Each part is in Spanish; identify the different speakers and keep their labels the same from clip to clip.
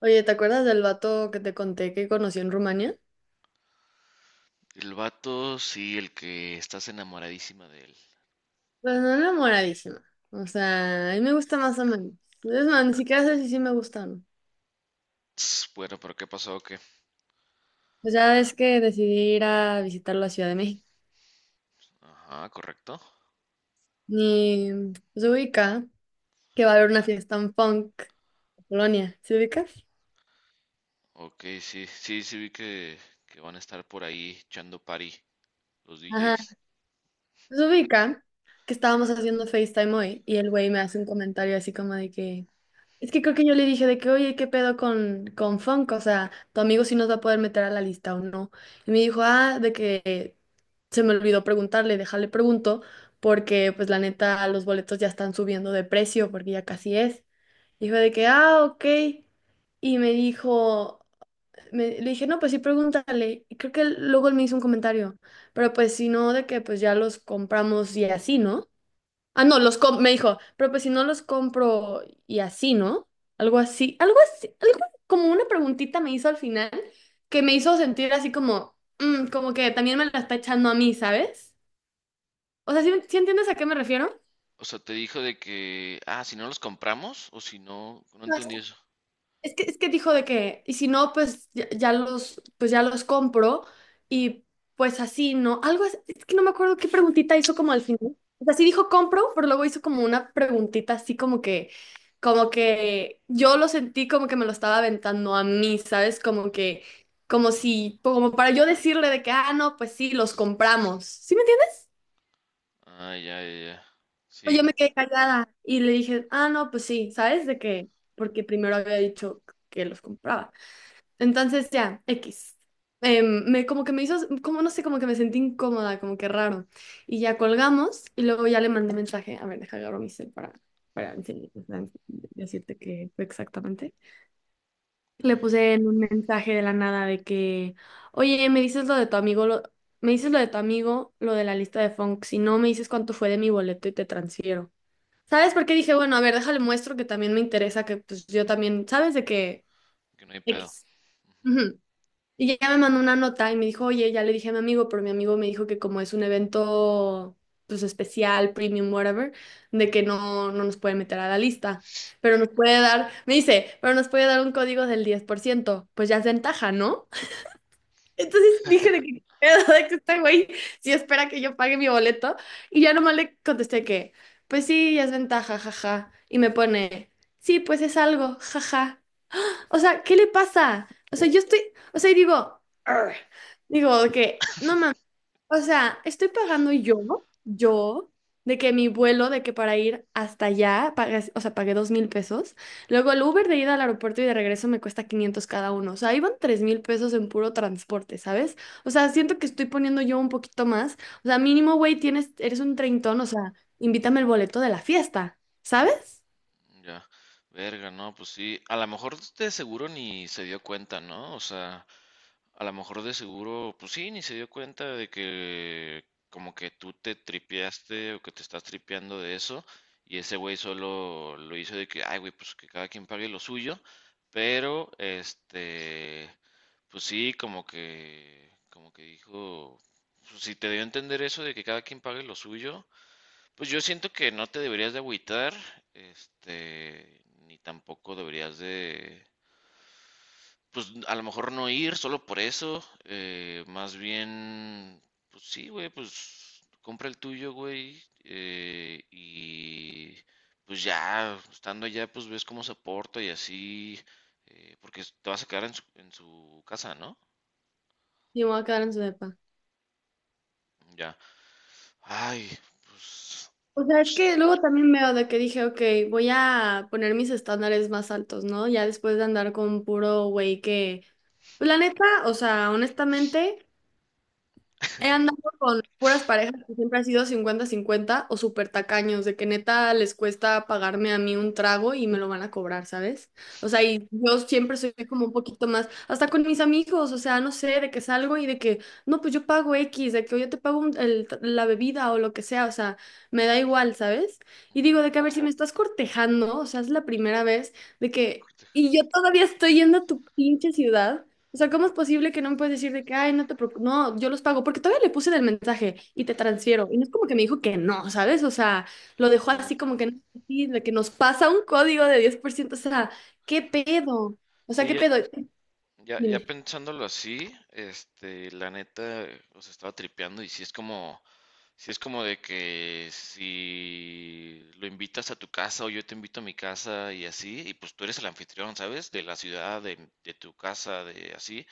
Speaker 1: Oye, ¿te acuerdas del vato que te conté que conocí en Rumania?
Speaker 2: El vato, sí, el que estás enamoradísima de él.
Speaker 1: Pues no enamoradísima. O sea, a mí me gusta más o menos. Es más, ni siquiera sé si sí me gustan.
Speaker 2: Ts, bueno, pero ¿qué pasó? ¿O qué?
Speaker 1: Pues ya ves que decidí ir a visitar la Ciudad de México.
Speaker 2: Ajá, correcto.
Speaker 1: Y pues, se ubica que va a haber una fiesta en punk en Polonia. ¿Se ubicas?
Speaker 2: Ok, sí, sí, sí vi que van a estar por ahí echando party los
Speaker 1: Ajá.
Speaker 2: DJs.
Speaker 1: Se ubica que estábamos haciendo FaceTime hoy y el güey me hace un comentario así como de que, es que creo que yo le dije de que, oye, ¿qué pedo con Funk? O sea, tu amigo sí nos va a poder meter a la lista o no. Y me dijo, ah, de que se me olvidó preguntarle, déjale pregunto, porque pues la neta los boletos ya están subiendo de precio porque ya casi es. Dijo de que, ah, ok. Y me dijo le dije, no, pues sí, pregúntale. Y creo que luego él me hizo un comentario, pero pues si no, de que pues ya los compramos y así, ¿no? Ah, no, me dijo, pero pues si no los compro y así, ¿no? Algo como una preguntita me hizo al final que me hizo sentir así como, como que también me la está echando a mí, ¿sabes? O sea, ¿sí entiendes a qué me refiero?
Speaker 2: O sea, te dijo de que, ah, si no los compramos o si no, no entendí eso.
Speaker 1: Es que dijo de que, y si no, pues ya los compro y pues así, ¿no? Algo, es que no me acuerdo qué preguntita hizo como al final. O sea, sí dijo compro, pero luego hizo como una preguntita así como que yo lo sentí como que me lo estaba aventando a mí, ¿sabes? Como que, como si, como para yo decirle de que, ah, no, pues sí, los compramos. ¿Sí me entiendes?
Speaker 2: Ah, ya, ya, ya.
Speaker 1: Pero yo
Speaker 2: Sí,
Speaker 1: me quedé callada y le dije, ah, no, pues sí, ¿sabes? De que, porque primero había dicho que los compraba. Entonces ya, X. Como que me hizo, como no sé, como que me sentí incómoda, como que raro. Y ya colgamos y luego ya le mandé mensaje. A ver, deja agarro mi cel para para decirte qué fue exactamente. Le puse en un mensaje de la nada de que, oye, me dices lo de tu amigo, me dices lo de tu amigo, lo de la lista de funk. Si no, me dices cuánto fue de mi boleto y te transfiero. ¿Sabes por qué dije, bueno, a ver, déjale muestro que también me interesa, que pues yo también, ¿sabes de que
Speaker 2: que no hay pedo.
Speaker 1: X.
Speaker 2: Ujú,
Speaker 1: Ujú. Y ya me mandó una nota y me dijo, oye, ya le dije a mi amigo, pero mi amigo me dijo que como es un evento pues especial, premium, whatever, de que no, no nos puede meter a la lista, pero nos puede dar, me dice, pero nos puede dar un código del 10% pues ya es ventaja, ¿no? Entonces dije de que, "¿Qué de que este güey si espera que yo pague mi boleto y ya nomás le contesté que, pues sí, ya es ventaja, jaja, y me pone, sí, pues es algo, jaja. O sea, ¿qué le pasa? O sea, yo estoy, o sea, y digo, "Arr". Digo de que, no mames, o sea, estoy pagando yo, de que mi vuelo, de que para ir hasta allá, o sea, pagué 2,000 pesos, luego el Uber de ida al aeropuerto y de regreso me cuesta 500 cada uno, o sea, iban 3,000 pesos en puro transporte, ¿sabes? O sea, siento que estoy poniendo yo un poquito más, o sea, mínimo, güey, tienes, eres un treintón, o sea, invítame el boleto de la fiesta, ¿sabes?
Speaker 2: ya. Verga, no, pues sí. A lo mejor de seguro ni se dio cuenta, ¿no? O sea. A lo mejor de seguro, pues sí, ni se dio cuenta de que como que tú te tripeaste o que te estás tripeando de eso, y ese güey solo lo hizo de que, ay, güey, pues que cada quien pague lo suyo, pero este, pues sí, como que dijo, pues, si te dio a entender eso de que cada quien pague lo suyo, pues yo siento que no te deberías de agüitar, este, ni tampoco deberías de pues, a lo mejor no ir solo por eso, más bien, pues sí, güey, pues compra el tuyo, güey, y pues ya, estando allá, pues ves cómo se porta y así, porque te vas a quedar en su casa, ¿no?
Speaker 1: Y me voy a quedar en su depa.
Speaker 2: Ya. Ay, pues,
Speaker 1: O sea,
Speaker 2: no
Speaker 1: es
Speaker 2: sé.
Speaker 1: que luego también veo de que dije, ok, voy a poner mis estándares más altos, ¿no? Ya después de andar con puro güey que, pues la neta, o sea, honestamente, he andado con puras parejas que siempre ha sido 50-50 o súper tacaños, de que neta les cuesta pagarme a mí un trago y me lo van a cobrar, ¿sabes? O sea, y yo siempre soy como un poquito más, hasta con mis amigos, o sea, no sé, de que salgo y de que, no, pues yo pago X, de que yo te pago la bebida o lo que sea, o sea, me da igual, ¿sabes? Y
Speaker 2: Ujú,
Speaker 1: digo, de que a ver, si me estás cortejando, o sea, es la primera vez de que,
Speaker 2: cortejo.
Speaker 1: y yo todavía estoy yendo a tu pinche ciudad. O sea, ¿cómo es posible que no me puedes decir de que, ay, no te preocupes, no, yo los pago? Porque todavía le puse en el mensaje y te transfiero. Y no es como que me dijo que no, ¿sabes? O sea, lo dejó
Speaker 2: Bueno,
Speaker 1: así como que, no, así, de que nos pasa un código de 10%. O sea, ¿qué pedo? O sea,
Speaker 2: sí,
Speaker 1: ¿qué
Speaker 2: ya,
Speaker 1: pedo?
Speaker 2: ya, ya
Speaker 1: Dime.
Speaker 2: pensándolo así, este, la neta, o sea, estaba tripeando y sí es como... Si es como de que si lo invitas a tu casa o yo te invito a mi casa y así, y pues tú eres el anfitrión, ¿sabes? De la ciudad, de tu casa, de así,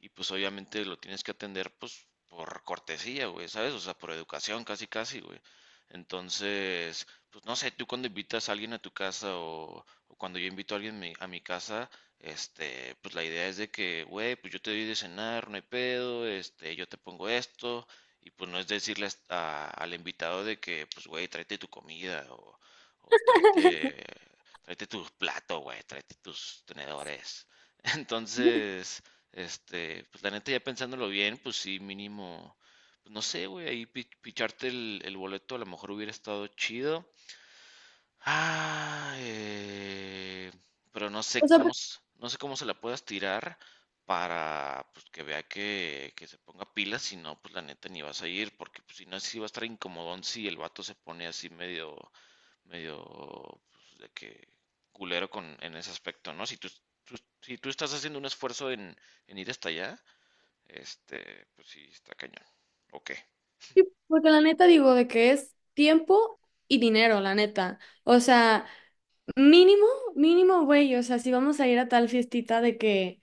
Speaker 2: y pues obviamente lo tienes que atender pues por cortesía, güey, ¿sabes? O sea, por educación, casi, casi, güey. Entonces, pues no sé, tú cuando invitas a alguien a tu casa o cuando yo invito a alguien mi- a mi casa, este, pues la idea es de que, güey, pues yo te doy de cenar, no hay pedo, este, yo te pongo esto. Y pues no es decirle as- a- al invitado de que, pues, güey, tráete tu comida o tráete, tráete tus platos, güey, tráete tus tenedores. Entonces, este, pues la neta ya pensándolo bien, pues sí, mínimo, pues no sé, güey, ahí pi- picharte el boleto a lo mejor hubiera estado chido. Ah, pero no
Speaker 1: O
Speaker 2: sé
Speaker 1: sea,
Speaker 2: cómo, s- no sé cómo se la puedas tirar para pues, que vea que se ponga pilas, si no, pues la neta ni vas a ir, porque pues, si no, sí va a estar incomodón si el vato se pone así medio, medio, pues, de que culero con, en ese aspecto, ¿no? Si tú, tú- si tú estás haciendo un esfuerzo en ir hasta allá, este, pues sí, está cañón. Ok.
Speaker 1: porque la neta digo de que es tiempo y dinero, la neta. O sea, mínimo, mínimo, güey. O sea, si vamos a ir a tal fiestita de que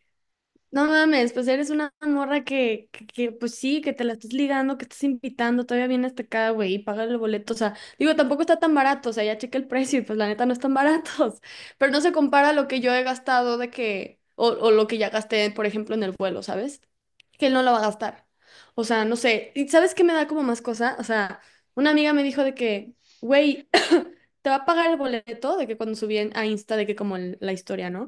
Speaker 1: no mames, pues eres una morra que, pues sí, que te la estás ligando, que estás invitando, todavía vienes hasta acá, güey, y pagas el boleto. O sea, digo, tampoco está tan barato, o sea, ya chequé el precio y pues la neta no están baratos. Pero no se compara a lo que yo he gastado de que, o lo que ya gasté, por ejemplo, en el vuelo, ¿sabes? Que él no lo va a gastar. O sea, no sé. ¿Y sabes qué me da como más cosa? O sea, una amiga me dijo de que, güey, te va a pagar el boleto, de que cuando subí a Insta, de que como la historia, ¿no?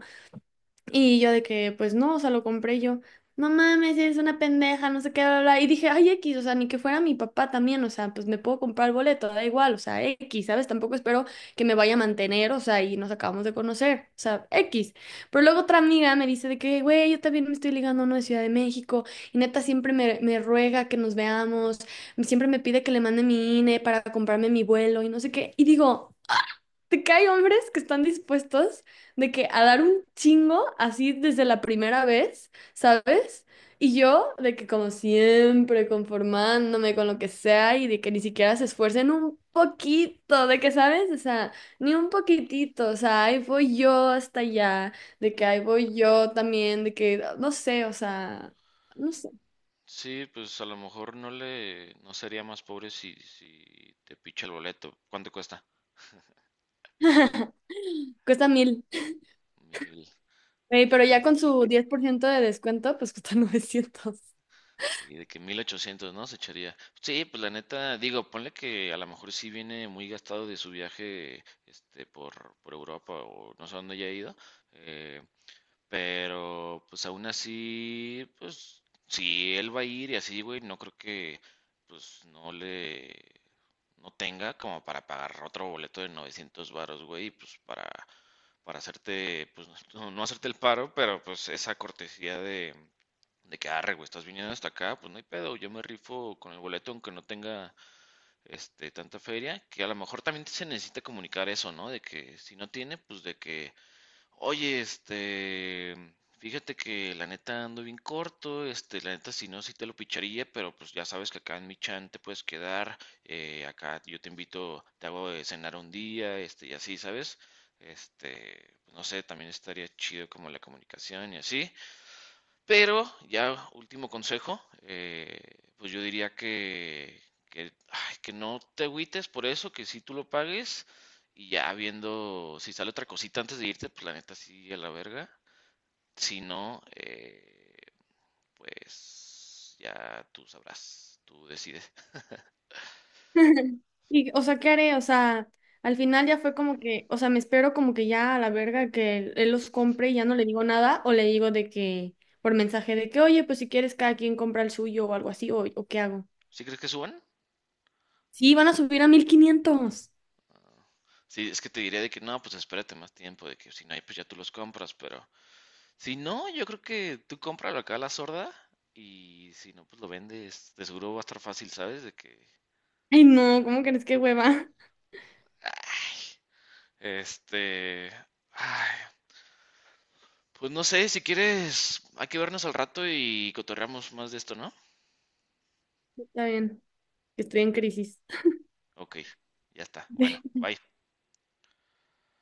Speaker 1: Y yo de que, pues no, o sea, lo compré yo. No mames, eres una pendeja, no sé qué, bla, bla. Y dije, ay, X, o sea, ni que fuera mi papá también, o sea, pues me puedo comprar el boleto, da igual, o sea, X, ¿sabes? Tampoco espero que me vaya a mantener, o sea, y nos acabamos de conocer, o sea, X. Pero luego otra amiga me dice de que, güey, yo también me estoy ligando a uno de Ciudad de México, y neta siempre me ruega que nos veamos, siempre me pide que le mande mi INE para comprarme mi vuelo y no sé qué. Y digo, de que hay hombres que están dispuestos de que a dar un chingo así desde la primera vez, ¿sabes? Y yo de que como siempre conformándome con lo que sea y de que ni siquiera se esfuercen un poquito, de que, ¿sabes? O sea, ni un poquitito, o sea, ahí voy yo hasta allá, de que ahí voy yo también, de que, no sé, o sea, no sé.
Speaker 2: Sí, pues a lo mejor no le, no sería más pobre si, si te picha el boleto. ¿Cuánto cuesta?
Speaker 1: Cuesta 1,000.
Speaker 2: 1000,
Speaker 1: Güey, pero ya
Speaker 2: sí,
Speaker 1: con
Speaker 2: pues,
Speaker 1: su 10% de descuento, pues cuesta 900.
Speaker 2: sí, de que 1800, ¿no? Se echaría. Sí, pues la neta, digo, ponle que a lo mejor sí viene muy gastado de su viaje, este, por Europa o no sé a dónde haya ido. Eh, pero, pues aún así, pues si él va a ir y así, güey, no creo que, pues no le, no tenga como para pagar otro boleto de 900 varos, güey, pues para hacerte, pues no, no hacerte el paro, pero pues esa cortesía de que, arre, güey, estás viniendo hasta acá, pues no hay pedo, yo me rifo con el boleto aunque no tenga, este, tanta feria, que a lo mejor también se necesita comunicar eso, ¿no? De que si no tiene, pues de que oye, este, fíjate que la neta ando bien corto, este, la neta si no, sí te lo picharía, pero pues ya sabes que acá en mi chan te puedes quedar, acá yo te invito, te hago de cenar un día, este, y así, ¿sabes? Este, pues, no sé, también estaría chido como la comunicación y así. Pero ya último consejo, pues yo diría que, ay, que no te agüites por eso, que si tú lo pagues y ya viendo si sale otra cosita antes de irte, pues la neta sí a la verga. Si no, pues ya tú sabrás, tú decides.
Speaker 1: Y, o sea, ¿qué haré? O sea, al final ya fue como que, o sea, me espero como que ya a la verga que él los compre y ya no le digo nada, o le digo de que, por mensaje de que, oye, pues si quieres cada quien compra el suyo o algo así, o qué hago.
Speaker 2: ¿Sí crees que suban?
Speaker 1: Sí, van a subir a 1,500.
Speaker 2: Sí, es que te diría de que no, pues espérate más tiempo, de que si no hay, pues ya tú los compras, pero si no, yo creo que tú cómpralo acá a la sorda y si no, pues lo vendes. De seguro va a estar fácil, ¿sabes? De que,
Speaker 1: Ay, no, ¿cómo crees que hueva?
Speaker 2: este, ay, pues no sé, si quieres, hay que vernos al rato y cotorreamos más de esto, ¿no?
Speaker 1: Está bien, estoy en crisis.
Speaker 2: Ok, ya está. Bueno, bye.